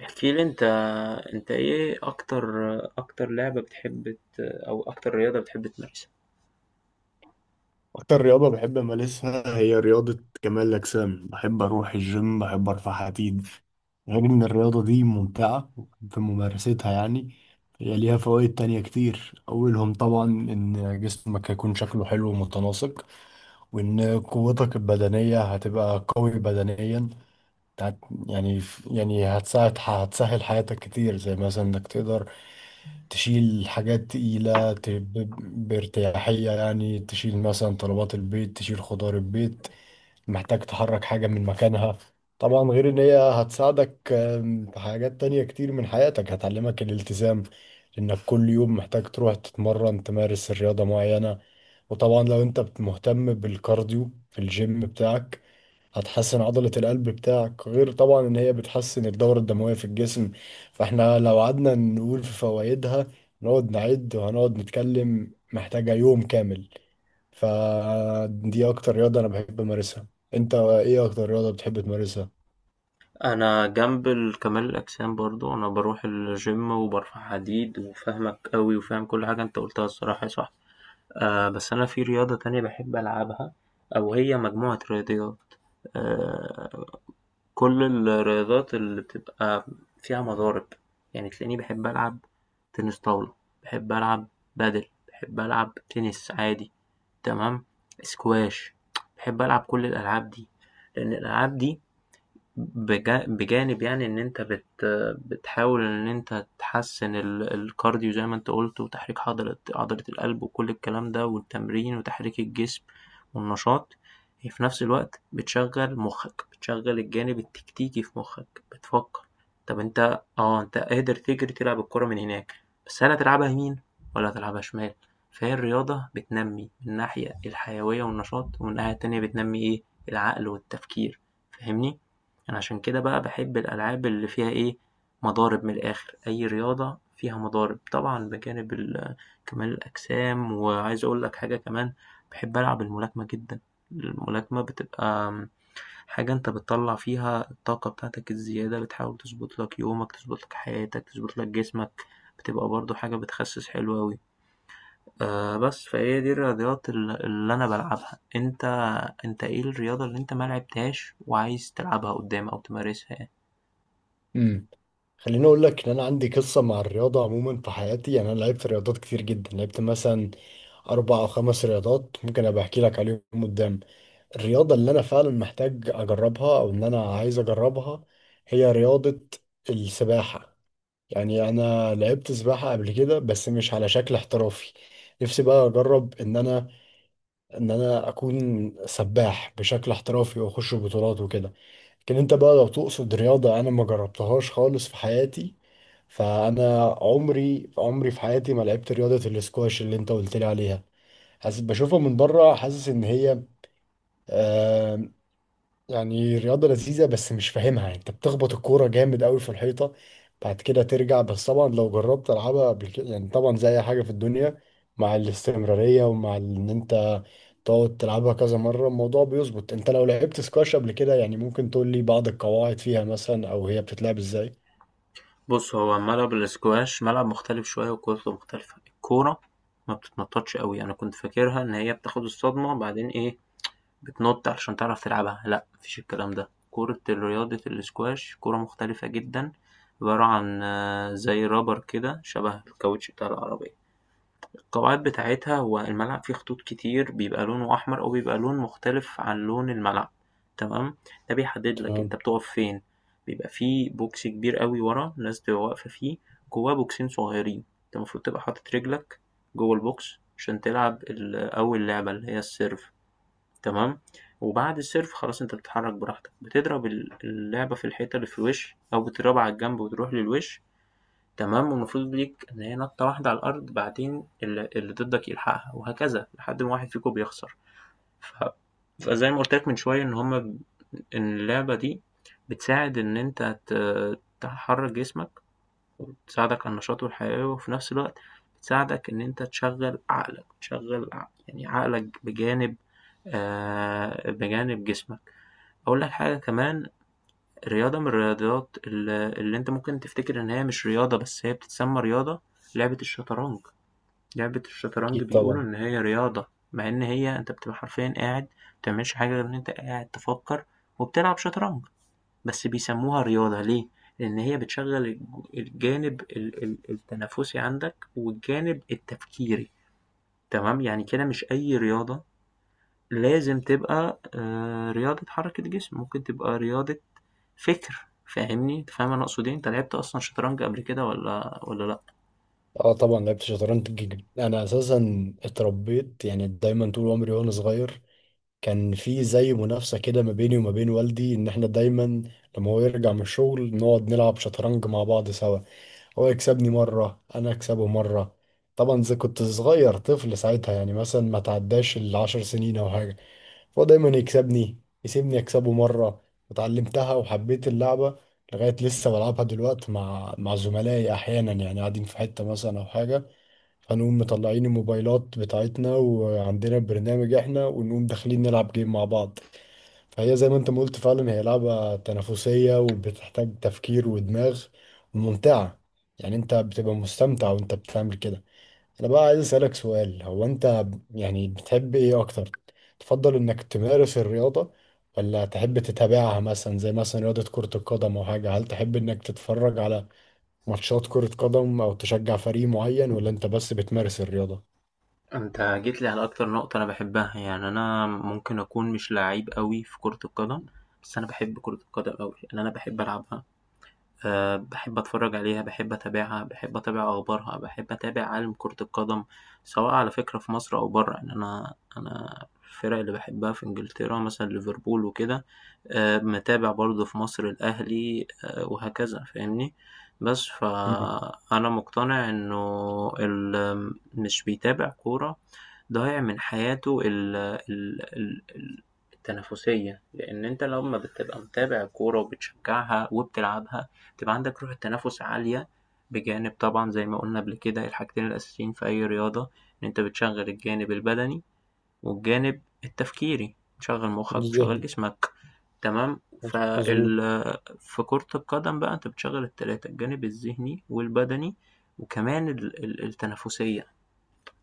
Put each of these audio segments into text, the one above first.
احكي لي انت. انت ايه اكتر اكتر لعبة بتحب او اكتر رياضة بتحب تمارسها؟ أكتر رياضة بحب أمارسها هي رياضة كمال الأجسام. بحب أروح الجيم، بحب أرفع حديد. غير إن الرياضة دي ممتعة في ممارستها. يعني هي ليها فوائد تانية كتير، أولهم طبعا إن جسمك هيكون شكله حلو ومتناسق، وإن قوتك البدنية هتبقى قوي بدنيا. هت يعني يعني هتساعد هتسهل حياتك كتير، زي مثلا انك تقدر تشيل حاجات تقيلة بارتياحية. يعني تشيل مثلا طلبات البيت، تشيل خضار البيت، محتاج تحرك حاجة من مكانها. طبعا غير ان هي هتساعدك في حاجات تانية كتير من حياتك. هتعلمك الالتزام، انك كل يوم محتاج تروح تتمرن تمارس رياضة معينة. وطبعا لو انت مهتم بالكارديو في الجيم بتاعك هتحسن عضلة القلب بتاعك، غير طبعا ان هي بتحسن الدورة الدموية في الجسم. فاحنا لو قعدنا نقول في فوائدها نقعد نعد، وهنقعد نتكلم محتاجة يوم كامل. فدي اكتر رياضة انا بحب امارسها. انت ايه اكتر رياضة بتحب تمارسها؟ انا جنب كمال الاجسام برضو، انا بروح الجيم وبرفع حديد، وفاهمك قوي وفاهم كل حاجة انت قلتها، الصراحة صح. آه، بس انا في رياضة تانية بحب العبها، او هي مجموعة رياضيات. آه، كل الرياضات اللي بتبقى فيها مضارب، يعني تلاقيني بحب ألعب تنس طاولة، بحب ألعب بادل، بحب ألعب تنس عادي، تمام، سكواش. بحب ألعب كل الألعاب دي، لأن الألعاب دي بجانب يعني ان انت بتحاول ان انت تحسن الكارديو زي ما انت قلت، وتحريك عضلة القلب، وكل الكلام ده والتمرين وتحريك الجسم والنشاط، هي في نفس الوقت بتشغل مخك، بتشغل الجانب التكتيكي في مخك، بتفكر طب انت اه انت قادر تجري تلعب الكرة من هناك، بس هل هتلعبها يمين ولا هتلعبها شمال؟ فهي الرياضة بتنمي من ناحية الحيوية والنشاط، ومن ناحية تانية بتنمي ايه، العقل والتفكير. فاهمني؟ يعني عشان كده بقى باحب الألعاب اللي فيها مضارب، من الآخر، أي رياضة فيها مضارب، طبعا بجانب كمال الأجسام. وعايز أقول لك حاجة كمان، باحب ألعب الملاكمة جدًا. الملاكمة بتبقى حاجة أنت بتطلّع فيها الطاقة بتاعتك الزيادة، بتحاول تضبط لك يومك، تضبط لك حياتك، تضبط لك جسمك، بتبقى برضه حاجة بتخسِّس حلو أوي. بس فهي دي الرياضيات اللي أنا بالعبها. أنت إيه الرياضة اللي أنت ما لعبتهاش وعايز تلعبها قدّام أو تمارسها يعني؟ امم خليني اقول لك ان انا عندي قصة مع الرياضة عموما في حياتي. يعني انا لعبت رياضات كتير جدا، لعبت مثلا اربع او خمس رياضات، ممكن ابقى احكي لك عليهم قدام. الرياضة اللي أنا فعلا محتاج أجربها أو إن أنا عايز أجربها هي رياضة السباحة. يعني أنا لعبت سباحة قبل كده بس مش على شكل احترافي. نفسي بقى أجرب إن أنا أكون سباح بشكل احترافي وأخش بطولات وكده. لكن أنت بقى لو تقصد رياضة أنا ما جربتهاش خالص في حياتي، فأنا عمري في حياتي ما لعبت رياضة الاسكواش اللي أنت قلت لي عليها. حاسس بشوفها من بره، حاسس إن هي آه، يعني رياضة لذيذة بس مش فاهمها. انت بتخبط الكورة جامد قوي في الحيطة بعد كده ترجع. بس طبعا لو جربت العبها قبل كده، يعني طبعا زي اي حاجة في الدنيا مع الاستمرارية ومع ان انت تقعد تلعبها كذا مرة الموضوع بيظبط. انت لو لعبت سكواش قبل كده يعني ممكن تقول لي بعض القواعد فيها مثلا، او هي بتتلعب ازاي؟ بُص، هو ملعب الsquash ملعب مختلف شوية وكورته مختلفة. الكورة ما بتتنطّطش أوي، أنا كنت فاكرها إن هي بتاخد الصدمة بعدين بتنُط علشان تعرف تلعبها، لأ ما فيش الكلام ده. كورة رياضة الsquash كورة مختلفة جدًا، عبارة عن زي rubber كده، شبه الكاوتش بتاع العربية. القواعد بتاعتها، هو الملعب فيه خطوط كتير بيبقى لونه أحمر أو بيبقى لون مختلف عن لون الملعب، تمام، ده بيحدد لك أنت تمام. بتقف فين. بيبقى فيه بوكس كبير أوي ورا الناس بتبقى واقفة فيه، جواه بوكسين صغيرين، أنت المفروض تبقى حاطط رجلك جوه البوكس عشان تلعب أول لعبة اللي هي السيرف، تمام، وبعد السيرف خلاص أنت بتتحرك براحتك، بتضرب اللعبة في الحيطة اللي في الوش أو بتضربها على الجنب وتروح للوش، تمام، والمفروض ليك إن هي نطّة واحدة على الأرض بعدين اللي ضدّك يلحقها، وهكذا، لحد ما واحد فيكم بيخسر. ف فزي ما قُلت لك من شوية إن اللعبة دي بتساعد إن أنت تحرّك جسمك، وبتساعدك على النشاط والحيوية، وفي نفس الوقت بتساعدك إن أنت تشغّل عقلك، تشغّل يعني عقلك بجانب بجانب جسمك. أقول لك حاجة كمان، رياضة من الرياضيات اللي أنت ممكن تفتكر إن هي مش رياضة، بس هي بتتسمى رياضة، لعبة الشطرنج. لعبة الشطرنج اكيد بيقولوا طبعا. إن هي رياضة، مع إن هي أنت بتبقى حرفيا قاعد، متعملش حاجة غير إن أنت قاعد تفكر وبتلعب شطرنج. بس بيسموها رياضة ليه؟ لأن هي بتشغل الجانب التنافسي عندك، والجانب التفكيري. تمام. يعني كده مش أي رياضة لازم تبقى رياضة حركة جسم، ممكن تبقى رياضة فِكْر. فاهمني؟ أنت فاهم أنا أقصد إيه؟ أنت لعبت أصلًا شطرنج قبل كده والّا لأ؟ اه طبعا لعبت شطرنج جدا. انا اساسا اتربيت، يعني دايما طول عمري وانا صغير كان في زي منافسة كده ما بيني وما بين والدي. إن إحنا دايما لما هو يرجع من الشغل نقعد نلعب شطرنج مع بعض سوا، هو يكسبني مرة أنا أكسبه مرة. طبعا زي كنت صغير طفل ساعتها يعني مثلا ما تعداش العشر سنين أو حاجة، فهو دايما يكسبني يسيبني أكسبه مرة. وتعلمتها وحبيت اللعبة لغاية لسه بلعبها دلوقتي مع زملائي أحيانا. يعني قاعدين في حتة مثلا أو حاجة، هنقوم مطلعين الموبايلات بتاعتنا وعندنا برنامج احنا، ونقوم داخلين نلعب جيم مع بعض. فهي زي ما انت ما قلت فعلا هي لعبة تنافسية وبتحتاج تفكير ودماغ وممتعة. يعني انت بتبقى مستمتع وانت بتعمل كده. انا بقى عايز اسألك سؤال، هو انت يعني بتحب ايه اكتر؟ تفضل انك تمارس الرياضة ولا تحب تتابعها، مثلا زي مثلا رياضة كرة القدم او حاجة؟ هل تحب انك تتفرج على ماتشات كرة قدم او تشجع فريق معين، ولا انت بس بتمارس الرياضة؟ أنت جيت لي على أكتر نقطة أنا باحبها. يعني أنا ممكن أكون مش لعيب أوي في كرة القدم، بس أنا باحب كرة القدم أوي، لأن أنا باحب ألعبها. آه، بحب أتفرج عليها، باحب أتابعها، باحب أتابع أخبارها، باحب أتابع عالم كرة القدم، سواء على فكرة في مصر أو برّه. يعني أنا الفرق اللي باحبها في إنجلترا مثلًا ليفربول وكده، متابع برضه في مصر الأهلي، وهكذا. فاهمني؟ بس مم. فأنا مقتنع إنه اللي مش بيتابع كورة ضايع من حياته ال ال ال ال التنافسية، لأن أنت لمّا بتبقى متابع كورة وبتشجعها وبتلعبها، تبقى عندك روح التنافس عالية، بجانب طبعا زي ما قلنا قبل كده الحاجتين الأساسيين في أي رياضة، إن أنت بتشغل الجانب البدني والجانب التفكيري، بتشغل مخك بتشغل ذهني. جسمك. تمام. مظبوط. في كرة القدم بقى أنت بتشغل التلاتة، الجانب الذهني والبدني وكمان التنافسية.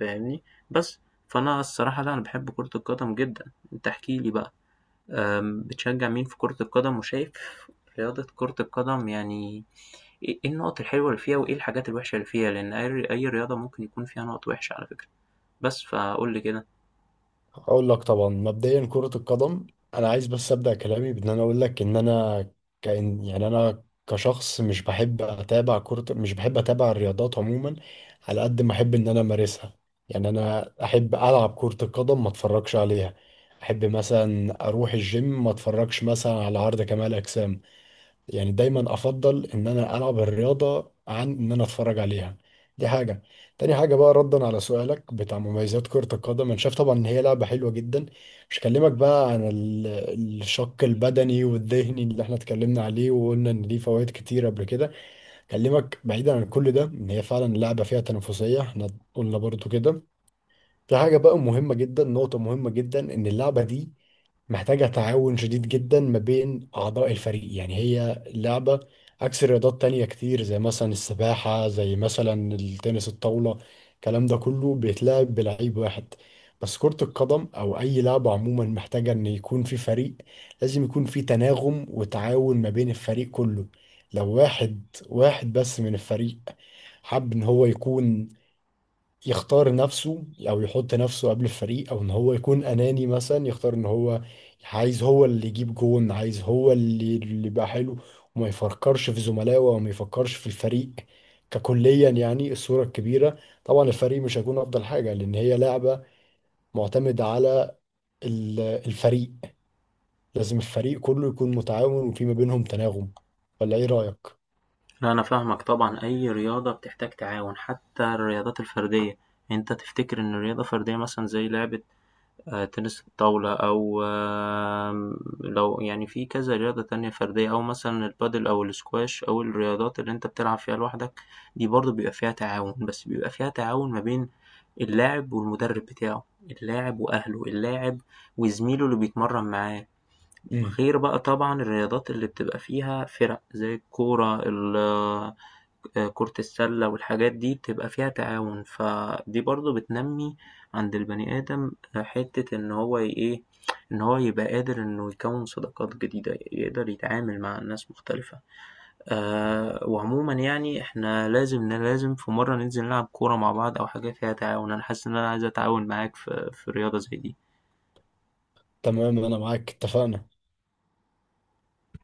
فاهمني؟ بس فأنا الصراحة لا، أنا بحب كرة القدم جدا. أنت احكيلي بقى، بتشجع مين في كرة القدم؟ وشايف رياضة كرة القدم يعني إيه النقط الحلوة اللي فيها وإيه الحاجات الوحشة اللي فيها؟ لأن أي رياضة ممكن يكون فيها نقط وحشة على فكرة، بس فقُل لي كده. اقول لك طبعا مبدئيا كرة القدم، انا عايز بس ابدا كلامي بان انا اقول لك ان انا كان، يعني انا كشخص مش بحب اتابع كرة، مش بحب اتابع الرياضات عموما على قد ما احب ان انا امارسها. يعني انا احب العب كرة القدم ما اتفرجش عليها، احب مثلا اروح الجيم ما اتفرجش مثلا على عرض كمال اجسام. يعني دايما افضل ان انا العب الرياضه عن ان انا اتفرج عليها. دي حاجه. تاني حاجه بقى ردا على سؤالك بتاع مميزات كره القدم، انا شايف طبعا ان هي لعبه حلوه جدا. مش هكلمك بقى عن الشق البدني والذهني اللي احنا اتكلمنا عليه وقلنا ان ليه فوائد كتير قبل كده. اكلمك بعيدا عن كل ده، ان هي فعلا لعبه فيها تنافسيه، احنا قلنا برضو كده. في حاجه بقى مهمه جدا، نقطه مهمه جدا، ان اللعبه دي محتاجة تعاون شديد جدا ما بين أعضاء الفريق. يعني هي لعبة عكس رياضات تانية كتير، زي مثلا السباحة، زي مثلا التنس الطاولة، الكلام ده كله بيتلعب بلعيب واحد. بس كرة القدم أو أي لعبة عموما محتاجة إن يكون في فريق. لازم يكون في تناغم وتعاون ما بين الفريق كله. لو واحد واحد بس من الفريق حب إن هو يكون يختار نفسه، او يحط نفسه قبل الفريق، او ان هو يكون اناني مثلا، يختار ان هو عايز هو اللي يجيب جون، عايز هو اللي يبقى حلو، وما يفكرش في زملائه وما يفكرش في الفريق ككليا، يعني الصورة الكبيرة. طبعا الفريق مش هيكون افضل حاجة، لان هي لعبة معتمدة على الفريق. لازم الفريق كله يكون متعاون وفي ما بينهم تناغم. ولا ايه رأيك؟ لا أنا فاهمك طبعًا، أي رياضة بتحتاج تعاون، حتى الرياضات الفردية. أنت تفتكر إن رياضة فردية مثلًا زي لعبة تنس الطاولة أو لو يعني في كذا رياضة تانية فردية أو مثلًا البادل أو الsquash أو الرياضات اللي أنت بتلعب فيها لوحدك، دي برضه بيبقى فيها تعاون، بس بيبقى فيها تعاون ما بين اللاعب والمدرب بتاعه، اللاعب وأهله، اللاعب وزميله اللي بيتمرن معاه، مم. غير بقى طبعًا الرياضات اللي بتبقى فيها فِرَق زي الكورة ال كرة السلة والحاجات دي، بتبقى فيها تعاون. فدي برضه بتنمّي عند البني آدم حتّة إن هو ي إيه، إن هو يبقى قادر إنه يكوّن صداقات جديدة، يقدر يتعامل مع ناس مختلفة. وعمومًا يعني إحنا لازم لازم في مرّة ننزل نلعب كورة مع بعض أو حاجة فيها تعاون. أنا حاسس إن أنا عايز أتعاون معاك في رياضة زي دي. تمام انا معاك اتفقنا.